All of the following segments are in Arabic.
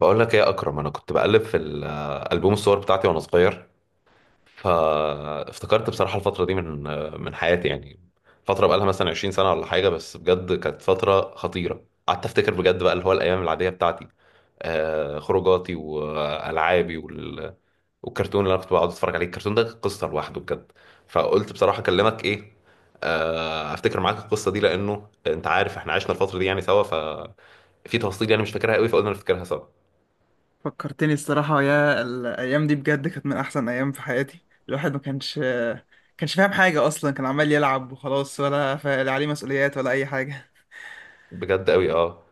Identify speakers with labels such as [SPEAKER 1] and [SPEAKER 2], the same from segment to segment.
[SPEAKER 1] بقول لك ايه يا اكرم؟ انا كنت بقلب في البوم الصور بتاعتي وانا صغير، فافتكرت بصراحه الفتره دي من حياتي يعني. فتره بقالها مثلا 20 سنه ولا حاجه، بس بجد كانت فتره خطيره. قعدت افتكر بجد بقى اللي هو الايام العاديه بتاعتي، خروجاتي والعابي والكرتون اللي انا كنت بقعد اتفرج عليه. الكرتون ده كان قصه لوحده بجد. فقلت بصراحه اكلمك ايه، افتكر معاك القصه دي، لانه انت عارف احنا عشنا الفتره دي يعني سوا، ففي تفاصيل يعني مش فاكرها قوي، فقلنا نفتكرها سوا.
[SPEAKER 2] فكرتني الصراحة يا الأيام دي بجد كانت من أحسن أيام في حياتي. الواحد ما كانش فاهم حاجة أصلا، كان عمال يلعب وخلاص، ولا لا عليه مسؤوليات ولا أي حاجة.
[SPEAKER 1] بجد قوي، اه.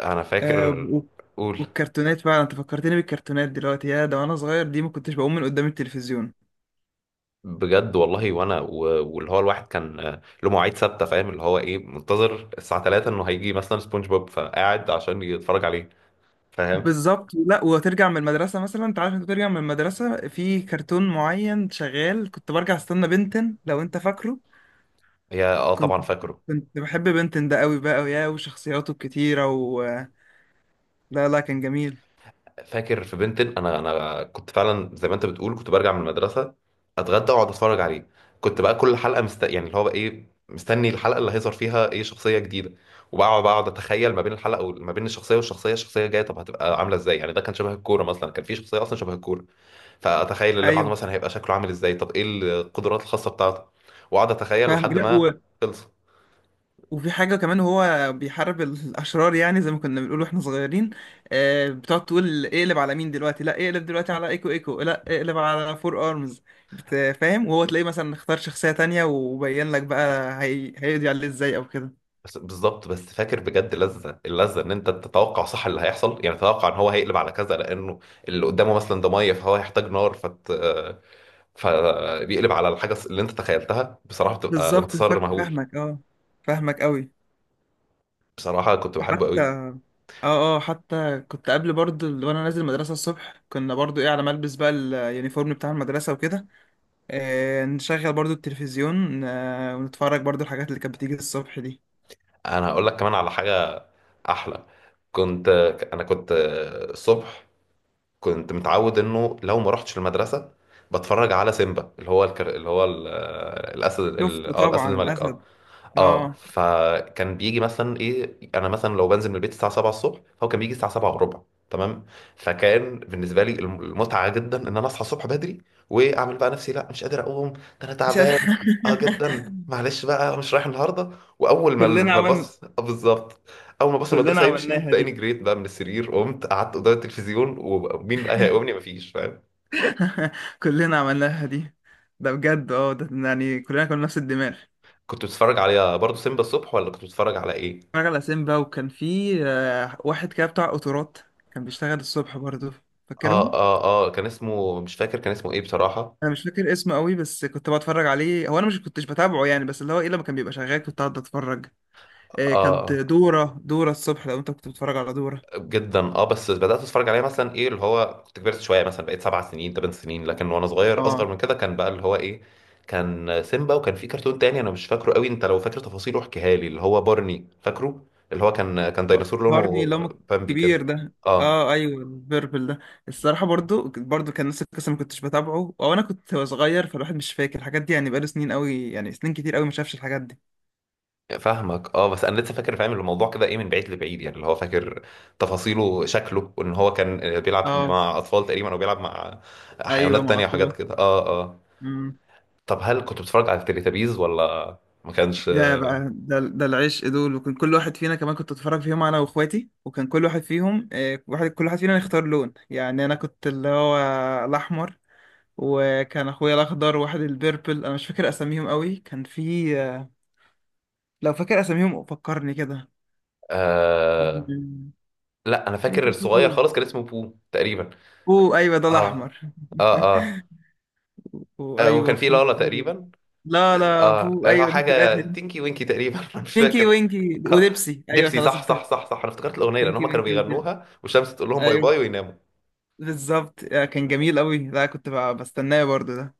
[SPEAKER 1] انا
[SPEAKER 2] آه،
[SPEAKER 1] فاكر.
[SPEAKER 2] و-
[SPEAKER 1] قول.
[SPEAKER 2] والكرتونات فعلا أنت فكرتني بالكرتونات دلوقتي. يا ده وأنا صغير دي ما كنتش بقوم من قدام التلفزيون.
[SPEAKER 1] بجد والله. وانا واللي هو الواحد كان له مواعيد ثابته، فاهم؟ اللي هو ايه، منتظر الساعه 3 انه هيجي مثلا سبونج بوب، فقاعد عشان يتفرج عليه. فاهم؟
[SPEAKER 2] بالظبط، لا، وترجع من المدرسة مثلا، أنت عارف أنت ترجع من المدرسة في كرتون معين شغال، كنت برجع أستنى بنتن، لو أنت فاكره.
[SPEAKER 1] هي اه
[SPEAKER 2] كنت
[SPEAKER 1] طبعا فاكره.
[SPEAKER 2] كنت بحب بنتن ده قوي بقى، ويا وشخصياته الكتيرة و لا لا كان جميل.
[SPEAKER 1] فاكر في بنتن. انا كنت فعلا زي ما انت بتقول، كنت برجع من المدرسه، اتغدى واقعد اتفرج عليه. كنت بقى كل حلقه يعني اللي هو بقى ايه، مستني الحلقه اللي هيظهر فيها ايه شخصيه جديده. وبقعد اتخيل ما بين الحلقه وما بين الشخصيه والشخصيه، الشخصيه الجايه طب هتبقى عامله ازاي. يعني ده كان شبه الكوره مثلا، كان في شخصيه اصلا شبه الكوره، فاتخيل اللي بعده
[SPEAKER 2] ايوه
[SPEAKER 1] مثلا هيبقى شكله عامل ازاي، طب ايه القدرات الخاصه بتاعته، واقعد اتخيل
[SPEAKER 2] فاهمك،
[SPEAKER 1] لحد
[SPEAKER 2] لا
[SPEAKER 1] ما
[SPEAKER 2] و...
[SPEAKER 1] خلص.
[SPEAKER 2] وفي حاجه كمان، هو بيحارب الاشرار، يعني زي ما كنا بنقول واحنا صغيرين. آه، بتقعد تقول اقلب على مين دلوقتي، لا اقلب دلوقتي على ايكو ايكو، لا اقلب على فور ارمز. فاهم، وهو تلاقيه مثلا اختار شخصيه تانية وبين لك بقى هيقضي عليه ازاي او كده.
[SPEAKER 1] بس بالظبط. بس فاكر بجد لذة اللذة ان انت تتوقع صح اللي هيحصل، يعني تتوقع ان هو هيقلب على كذا لانه اللي قدامه مثلا ده ميه فهو هيحتاج نار فبيقلب على الحاجة اللي انت تخيلتها، بصراحة بتبقى
[SPEAKER 2] بالظبط
[SPEAKER 1] انتصار مهول.
[SPEAKER 2] فاهمك اه، فاهمك قوي.
[SPEAKER 1] بصراحة كنت
[SPEAKER 2] ده
[SPEAKER 1] بحبه
[SPEAKER 2] حتى
[SPEAKER 1] قوي.
[SPEAKER 2] اه اه حتى كنت قبل برضه وانا نازل المدرسه الصبح، كنا برضه ايه على ما البس بقى اليونيفورم بتاع المدرسه وكده. نشغل برضو التلفزيون، ونتفرج برضو الحاجات اللي كانت بتيجي الصبح دي.
[SPEAKER 1] انا هقول لك كمان على حاجة احلى. كنت انا كنت الصبح كنت متعود انه لو ما رحتش المدرسة بتفرج على سيمبا، اللي هو اللي هو الاسد
[SPEAKER 2] شفته
[SPEAKER 1] اه الاسد
[SPEAKER 2] طبعا
[SPEAKER 1] الملك، اه
[SPEAKER 2] الأسد.
[SPEAKER 1] اه.
[SPEAKER 2] اه
[SPEAKER 1] فكان بيجي مثلا ايه، انا مثلا لو بنزل من البيت الساعه 7 الصبح، هو كان بيجي الساعه 7 وربع. تمام. فكان بالنسبه لي المتعه جدا ان انا اصحى الصبح بدري، واعمل بقى نفسي لا مش قادر اقوم، ده انا
[SPEAKER 2] مش هت...
[SPEAKER 1] تعبان اه جدا، معلش بقى أنا مش رايح النهارده. واول ما
[SPEAKER 2] كلنا
[SPEAKER 1] ما
[SPEAKER 2] عمل،
[SPEAKER 1] الباص، آه بالظبط، اول ما باص
[SPEAKER 2] كلنا
[SPEAKER 1] المدرسه يمشي،
[SPEAKER 2] عملناها
[SPEAKER 1] تلاقيني
[SPEAKER 2] دي.
[SPEAKER 1] جريت بقى من السرير، قمت قعدت قدام التلفزيون، ومين بقى هيقومني، مفيش. فاهم؟
[SPEAKER 2] كلنا عملناها دي. ده بجد اه، ده يعني كلنا كنا نفس الدماغ.
[SPEAKER 1] كنت بتتفرج على برضه سيمبا الصبح ولا كنت بتتفرج على ايه؟
[SPEAKER 2] اتفرج على سيمبا، وكان في واحد كده بتاع قطارات، كان بيشتغل الصبح برضو.
[SPEAKER 1] اه
[SPEAKER 2] فاكرهم؟
[SPEAKER 1] اه اه، كان اسمه مش فاكر، كان اسمه ايه بصراحة.
[SPEAKER 2] انا مش فاكر اسمه قوي بس كنت بتفرج عليه. هو انا مش كنتش بتابعه يعني، بس اللي هو ايه لما كان بيبقى شغال كنت قاعد اتفرج. كانت
[SPEAKER 1] اه
[SPEAKER 2] دورة الصبح، لو انت كنت بتتفرج على دورة.
[SPEAKER 1] جدا اه، بس بدات اتفرج عليه مثلا ايه اللي هو كنت كبرت شويه، مثلا بقيت سبع سنين ثمان سنين، لكن وانا صغير اصغر
[SPEAKER 2] اه
[SPEAKER 1] من كده كان بقى اللي هو ايه، كان سيمبا. وكان في كرتون تاني انا مش فاكره قوي، انت لو فاكر تفاصيله احكيها لي، اللي هو بارني، فاكره؟ اللي هو كان
[SPEAKER 2] ب-
[SPEAKER 1] ديناصور
[SPEAKER 2] بارني
[SPEAKER 1] لونه
[SPEAKER 2] لما
[SPEAKER 1] بامبي
[SPEAKER 2] الكبير
[SPEAKER 1] كده،
[SPEAKER 2] ده
[SPEAKER 1] اه.
[SPEAKER 2] اه ايوه البربل ده. الصراحة برضو برضو كان نفس القصة، ما كنتش بتابعه او انا كنت صغير، فالواحد مش فاكر الحاجات دي يعني، بقاله سنين قوي، يعني سنين كتير قوي ما شافش الحاجات دي.
[SPEAKER 1] فاهمك اه. بس انا لسه فاكر، فاهم الموضوع كده ايه، من بعيد لبعيد يعني، اللي هو فاكر تفاصيله، شكله، وان هو كان بيلعب
[SPEAKER 2] اه
[SPEAKER 1] مع اطفال تقريبا، او بيلعب مع
[SPEAKER 2] ايوه
[SPEAKER 1] حيوانات
[SPEAKER 2] مع
[SPEAKER 1] تانية
[SPEAKER 2] اطفال.
[SPEAKER 1] وحاجات كده، اه اه.
[SPEAKER 2] امم
[SPEAKER 1] طب هل كنت بتتفرج على التليتابيز ولا ما كانش؟
[SPEAKER 2] ده بقى، ده ده العشق دول، وكان كل واحد فينا كمان كنت اتفرج فيهم انا واخواتي، وكان كل واحد فيهم واحد، كل واحد فينا يختار لون يعني، انا كنت اللي هو الاحمر، وكان اخويا الاخضر، واحد البيربل. انا مش فاكر اساميهم قوي، كان في لو فاكر اساميهم فكرني كده.
[SPEAKER 1] آه... لا انا فاكر
[SPEAKER 2] تقريبا
[SPEAKER 1] الصغير
[SPEAKER 2] في
[SPEAKER 1] خالص كان اسمه بو تقريبا.
[SPEAKER 2] بو، ايوه ده
[SPEAKER 1] اه
[SPEAKER 2] الاحمر.
[SPEAKER 1] اه اه،
[SPEAKER 2] وايوه
[SPEAKER 1] وكان في
[SPEAKER 2] في
[SPEAKER 1] لالا تقريبا،
[SPEAKER 2] لا لا
[SPEAKER 1] اه.
[SPEAKER 2] بو،
[SPEAKER 1] هو
[SPEAKER 2] ايوه دي في
[SPEAKER 1] حاجه
[SPEAKER 2] الاخر.
[SPEAKER 1] تينكي وينكي تقريبا أنا مش
[SPEAKER 2] بينكي
[SPEAKER 1] فاكر.
[SPEAKER 2] وينكي
[SPEAKER 1] آه.
[SPEAKER 2] وديبسي، ايوه
[SPEAKER 1] ديبسي،
[SPEAKER 2] خلاص
[SPEAKER 1] صح صح
[SPEAKER 2] افتكرت.
[SPEAKER 1] صح صح، انا افتكرت الاغنيه لان
[SPEAKER 2] بينكي
[SPEAKER 1] هم كانوا
[SPEAKER 2] وينكي وديبسي،
[SPEAKER 1] بيغنوها والشمس تقول لهم باي
[SPEAKER 2] ايوه،
[SPEAKER 1] باي ويناموا.
[SPEAKER 2] بالظبط. كان جميل قوي، لا كنت بستناه برضو ده.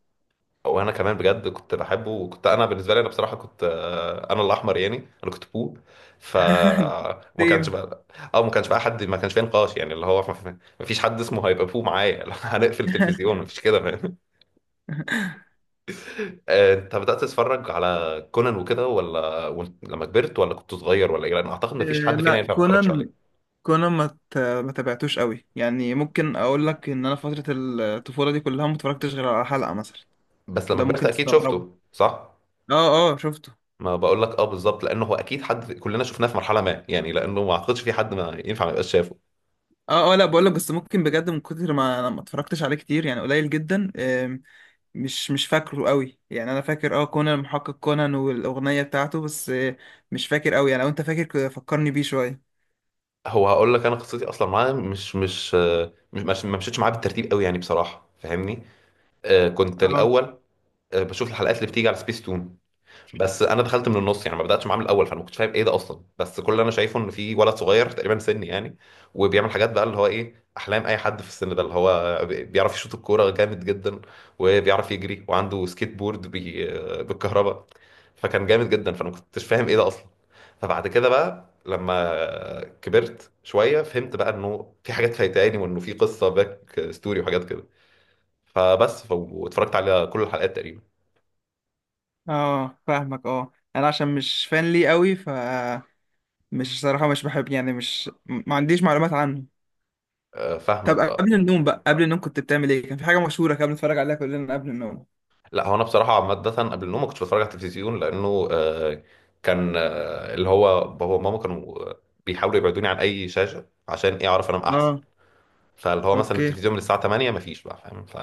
[SPEAKER 1] وانا كمان بجد كنت بحبه، وكنت انا بالنسبه لي انا بصراحه كنت انا الاحمر يعني، انا كنت بو. ف ما كانش
[SPEAKER 2] سيم
[SPEAKER 1] بقى ما كانش بقى حد، ما كانش فيه نقاش يعني اللي هو ما فيش حد اسمه هيبقى بو معايا لو هنقفل التلفزيون ما فيش كده، فاهم؟ انت بدات تتفرج على كونان وكده ولا لما كبرت، ولا كنت صغير، ولا ايه؟ لان اعتقد ما فيش حد فينا
[SPEAKER 2] لا
[SPEAKER 1] ينفع ما يتفرجش
[SPEAKER 2] كونان،
[SPEAKER 1] عليه.
[SPEAKER 2] كونا ما ت- ما تابعتوش قوي يعني. ممكن اقول لك ان انا فتره الطفوله دي كلها ما اتفرجتش غير على حلقه مثلا.
[SPEAKER 1] بس لما
[SPEAKER 2] وده
[SPEAKER 1] كبرت
[SPEAKER 2] ممكن
[SPEAKER 1] اكيد
[SPEAKER 2] تستغربه.
[SPEAKER 1] شفته، صح؟
[SPEAKER 2] اه اه شفته.
[SPEAKER 1] ما بقول لك اه بالظبط، لانه هو اكيد حد كلنا شفناه في مرحله ما يعني، لانه ما اعتقدش في حد ما ينفع ما يبقاش شافه.
[SPEAKER 2] اه اه، لا بقول لك بس ممكن بجد من كتر ما انا ما اتفرجتش عليه كتير، يعني قليل جدا. مش مش فاكره قوي يعني. انا فاكر اه كونان، المحقق كونان والاغنيه بتاعته بس، مش فاكر قوي يعني. لو انت فاكر فكرني بيه شويه.
[SPEAKER 1] هو هقول لك، انا قصتي اصلا معاه مش مش آه، مش مش- ما مشيتش معاه بالترتيب قوي يعني بصراحه، فاهمني؟ كنت
[SPEAKER 2] اه
[SPEAKER 1] الاول بشوف الحلقات اللي بتيجي على سبيس تون، بس انا دخلت من النص يعني، ما بداتش معاه من الاول، فانا ما كنتش فاهم ايه ده اصلا، بس كل اللي انا شايفه ان في ولد صغير تقريبا سني يعني، وبيعمل حاجات بقى اللي هو ايه احلام اي حد في السن ده، اللي هو بيعرف يشوط الكوره جامد جدا، وبيعرف يجري، وعنده سكيت بورد بالكهرباء، فكان جامد جدا، فانا ما كنتش فاهم ايه ده اصلا. فبعد كده بقى لما كبرت شويه فهمت بقى انه في حاجات فايتاني، وانه في قصه باك ستوري وحاجات كده، فبس واتفرجت على كل الحلقات تقريبا.
[SPEAKER 2] اه فاهمك اه. انا عشان مش فان ليه قوي ف مش صراحه مش بحب، يعني مش ما عنديش معلومات عنه. طب
[SPEAKER 1] فاهمك
[SPEAKER 2] قبل
[SPEAKER 1] اه.
[SPEAKER 2] النوم بقى، قبل النوم كنت بتعمل ايه؟ كان في حاجه مشهوره كان بنتفرج عليها كلنا قبل النوم.
[SPEAKER 1] لا هو انا بصراحه عامه قبل النوم ما كنتش بتفرج على التلفزيون، لانه كان اللي هو بابا وماما كانوا بيحاولوا يبعدوني عن اي شاشه، عشان ايه، اعرف انام احسن.
[SPEAKER 2] اه
[SPEAKER 1] فاللي هو مثلا
[SPEAKER 2] اوكي
[SPEAKER 1] التلفزيون من الساعه 8 ما فيش بقى، فاهم؟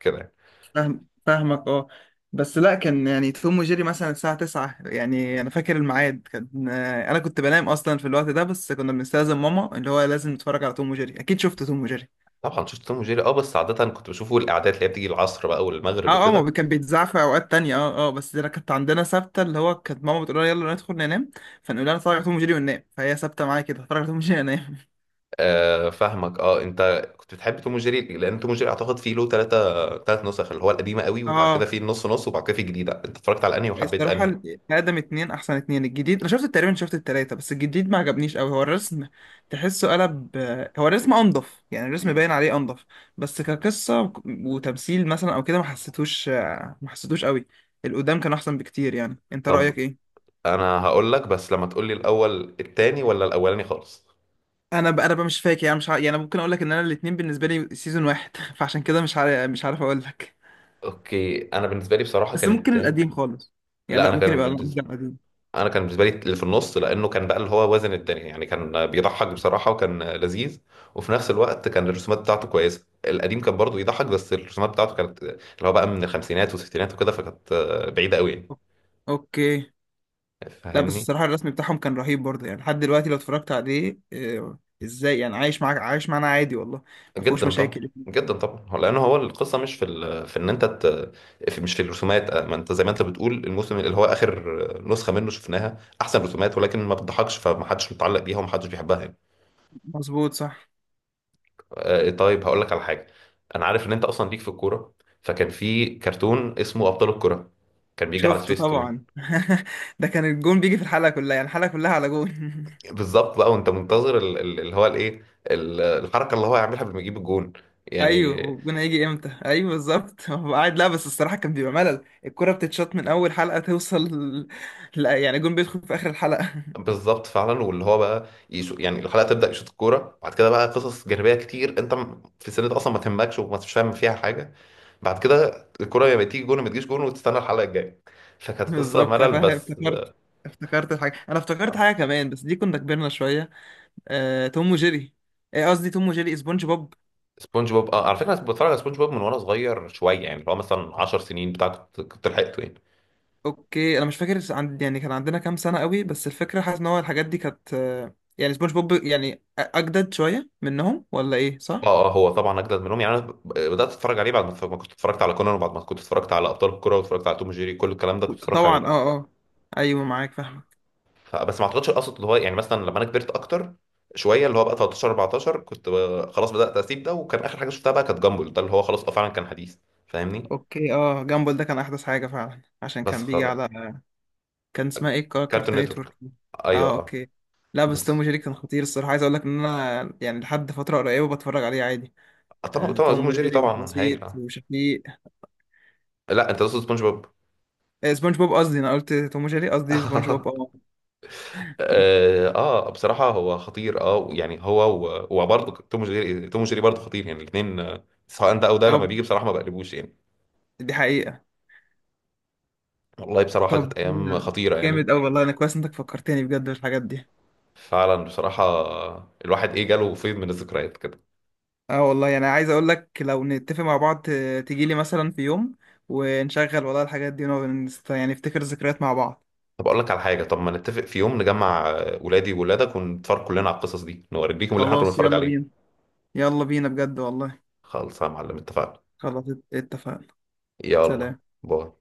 [SPEAKER 1] كده يعني.
[SPEAKER 2] فاهم، فاهمك اه. بس لا كان يعني توم وجيري مثلا الساعة 9، يعني انا فاكر الميعاد كان، انا كنت بنام اصلا في الوقت ده، بس كنا بنستأذن ماما اللي هو لازم نتفرج على توم وجيري. اكيد شفت توم وجيري؟
[SPEAKER 1] طبعا شفت توم وجيري، اه، بس عاده كنت بشوفه الاعداد اللي هي بتيجي العصر بقى والمغرب
[SPEAKER 2] اه اه، ما
[SPEAKER 1] وكده.
[SPEAKER 2] بي- كان بيتذاع في اوقات تانية اه اه، بس انا كانت عندنا ثابته اللي هو، كانت ماما بتقول لنا يلا ندخل ننام، فنقول لها نتفرج على توم وجيري وننام، فهي ثابته معايا كده، اتفرج على توم وجيري انام.
[SPEAKER 1] فاهمك اه. انت كنت بتحب توم وجيري؟ لان توم وجيري اعتقد فيه له ثلاث نسخ، اللي هو القديمه قوي، وبعد كده
[SPEAKER 2] اه
[SPEAKER 1] فيه النص نص، وبعد كده فيه الجديده. انت اتفرجت على انهي وحبيت انهي؟
[SPEAKER 2] الصراحة آدم اتنين أحسن اتنين. الجديد أنا شفت تقريبا، شفت التلاتة، بس الجديد ما عجبنيش أوي. هو الرسم تحسه قلب، هو الرسم أنضف يعني، الرسم باين عليه أنضف، بس كقصة وتمثيل مثلا أو كده ما حسيتوش أوي. القدام كان أحسن بكتير يعني. أنت رأيك
[SPEAKER 1] طب
[SPEAKER 2] إيه؟
[SPEAKER 1] انا هقول لك، بس لما تقول لي الاول التاني ولا الاولاني خالص.
[SPEAKER 2] أنا بقى مش فاكر يعني، مش ع... يعني أنا ممكن أقول لك إن أنا الاتنين بالنسبة لي سيزون واحد. فعشان كده مش عارف أقول لك.
[SPEAKER 1] اوكي، انا بالنسبه لي بصراحه
[SPEAKER 2] بس
[SPEAKER 1] كان
[SPEAKER 2] ممكن
[SPEAKER 1] التاني.
[SPEAKER 2] القديم خالص يعني،
[SPEAKER 1] لا
[SPEAKER 2] لا
[SPEAKER 1] انا
[SPEAKER 2] ممكن
[SPEAKER 1] كان
[SPEAKER 2] يبقى
[SPEAKER 1] بالنسبه
[SPEAKER 2] القديم.
[SPEAKER 1] انا كان بالنسبه لي اللي في النص، لانه كان بقى اللي هو وزن التاني يعني، كان بيضحك بصراحه وكان لذيذ، وفي نفس الوقت كان الرسومات بتاعته كويسه. القديم كان برضه يضحك، بس الرسومات بتاعته كانت اللي هو بقى من الخمسينات والستينات وكده، فكانت بعيده قوي يعني،
[SPEAKER 2] أوكي، لا بس
[SPEAKER 1] فاهمني؟
[SPEAKER 2] الصراحة الرسم بتاعهم كان رهيب برضه يعني، لحد دلوقتي لو اتفرجت عليه ازاي، يعني عايش معاك، عايش معانا عادي والله، ما فيهوش
[SPEAKER 1] جدا طبعا،
[SPEAKER 2] مشاكل.
[SPEAKER 1] جدا طبعا. هو لان هو القصه مش في في ان انت في مش في الرسومات. ما انت زي ما انت بتقول، الموسم اللي هو اخر نسخه منه شفناها احسن رسومات، ولكن ما بتضحكش، فمحدش متعلق بيها ومحدش بيحبها يعني.
[SPEAKER 2] مظبوط صح.
[SPEAKER 1] طيب هقول لك على حاجه. انا عارف ان انت اصلا ليك في الكوره، فكان في كرتون اسمه ابطال الكوره، كان بيجي على
[SPEAKER 2] شفت
[SPEAKER 1] سبيس تون.
[SPEAKER 2] طبعا. ده كان الجون بيجي في الحلقة كلها، يعني الحلقة كلها على جون.
[SPEAKER 1] بالظبط بقى، وانت منتظر اللي هو الايه، الحركه اللي هو هيعملها قبل ما يجيب الجون،
[SPEAKER 2] ايوه
[SPEAKER 1] يعني.
[SPEAKER 2] والجون هيجي امتى، ايوه بالظبط. هو قاعد لا، بس الصراحة كان بيبقى ملل، الكرة بتتشاط من اول حلقة توصل. لا يعني الجون بيدخل في اخر الحلقة.
[SPEAKER 1] بالظبط فعلا، واللي هو بقى يعني الحلقه تبدا يشوط الكوره، بعد كده بقى قصص جانبيه كتير انت في السن ده اصلا ما تهمكش، مش فاهم فيها حاجه، بعد كده الكوره يا تيجي جون يا ما تجيش جون، وتستنى الحلقه الجايه، فكانت قصه
[SPEAKER 2] بالظبط أنا
[SPEAKER 1] ملل
[SPEAKER 2] فاهم.
[SPEAKER 1] بس.
[SPEAKER 2] افتكرت، افتكرت الحاجة. انا افتكرت حاجة كمان بس دي كنا كبرنا شوية، آه، توم وجيري آه، قصدي توم وجيري سبونج بوب.
[SPEAKER 1] سبونج بوب، اه على فكره انا بتفرج على سبونج بوب من وانا صغير شويه يعني، اللي هو مثلا 10 سنين بتاع، كنت لحقته يعني.
[SPEAKER 2] اوكي انا مش فاكر عند، يعني كان عندنا كام سنه قوي، بس الفكره حاسس ان هو الحاجات دي كانت يعني سبونج بوب يعني اجدد شويه منهم ولا ايه، صح؟
[SPEAKER 1] اه اه، هو طبعا اجدد منهم يعني، انا بدات اتفرج عليه بعد ما ما كنت اتفرجت على كونان، وبعد ما كنت اتفرجت على ابطال الكوره، واتفرجت على توم جيري، كل الكلام ده كنت اتفرجت
[SPEAKER 2] طبعا
[SPEAKER 1] عليه.
[SPEAKER 2] اه اه، ايوه معاك فاهمك.
[SPEAKER 1] فبس ما اعتقدش القصد اللي هو يعني، مثلا لما انا كبرت اكتر شويه اللي هو بقى 13 14، كنت خلاص بدات اسيب ده، وكان اخر حاجه شفتها بقى كانت جامبل ده، اللي هو خلاص اه فعلا كان حديث، فاهمني؟
[SPEAKER 2] اوكي اه، جامبل ده كان احدث حاجه فعلا، عشان
[SPEAKER 1] بس
[SPEAKER 2] كان بيجي
[SPEAKER 1] خ...
[SPEAKER 2] على كان اسمها ايه
[SPEAKER 1] كارتون
[SPEAKER 2] كارتون نتورك.
[SPEAKER 1] نتورك، ايوه
[SPEAKER 2] اه
[SPEAKER 1] اه.
[SPEAKER 2] اوكي. لا بس توم
[SPEAKER 1] بس
[SPEAKER 2] وجيري كان خطير الصراحه. عايز اقول لك ان انا يعني لحد فتره قريبه بتفرج عليه عادي.
[SPEAKER 1] طبعا
[SPEAKER 2] آه،
[SPEAKER 1] طبعا توم
[SPEAKER 2] توم
[SPEAKER 1] وجيري
[SPEAKER 2] وجيري
[SPEAKER 1] طبعا
[SPEAKER 2] وبسيط
[SPEAKER 1] هايل، اه.
[SPEAKER 2] وشفيق
[SPEAKER 1] لا انت تقصد سبونج بوب.
[SPEAKER 2] آه، سبونج بوب قصدي انا قلت توم وجيري قصدي سبونج بوب اه
[SPEAKER 1] اه، بصراحه هو خطير، اه يعني، هو وبرضه توم وجيري برضه خطير يعني، الاثنين سواء ده او ده لما
[SPEAKER 2] اه.
[SPEAKER 1] بيجي بصراحه ما بقلبوش يعني.
[SPEAKER 2] دي حقيقة.
[SPEAKER 1] والله بصراحه كانت
[SPEAKER 2] طب
[SPEAKER 1] ايام
[SPEAKER 2] آه،
[SPEAKER 1] خطيره يعني.
[SPEAKER 2] جامد أوي والله، أنا كويس إنك فكرتني بجد بالحاجات دي.
[SPEAKER 1] فعلا بصراحة، الواحد ايه جاله فيض من الذكريات كده.
[SPEAKER 2] اه والله، يعني عايز أقول لك لو نتفق مع بعض، تجيلي مثلا في يوم ونشغل والله الحاجات دي ونقعد يعني نفتكر ذكريات مع بعض.
[SPEAKER 1] طب اقول لك على حاجة، طب ما نتفق في يوم نجمع ولادي وولادك، ونتفرج كلنا على القصص دي، نوريكم اللي احنا كنا
[SPEAKER 2] خلاص
[SPEAKER 1] بنتفرج
[SPEAKER 2] يلا
[SPEAKER 1] عليه.
[SPEAKER 2] بينا، يلا بينا بجد والله.
[SPEAKER 1] خالص يا معلم، اتفقنا.
[SPEAKER 2] خلاص اتفقنا.
[SPEAKER 1] يلا،
[SPEAKER 2] سلام.
[SPEAKER 1] باي.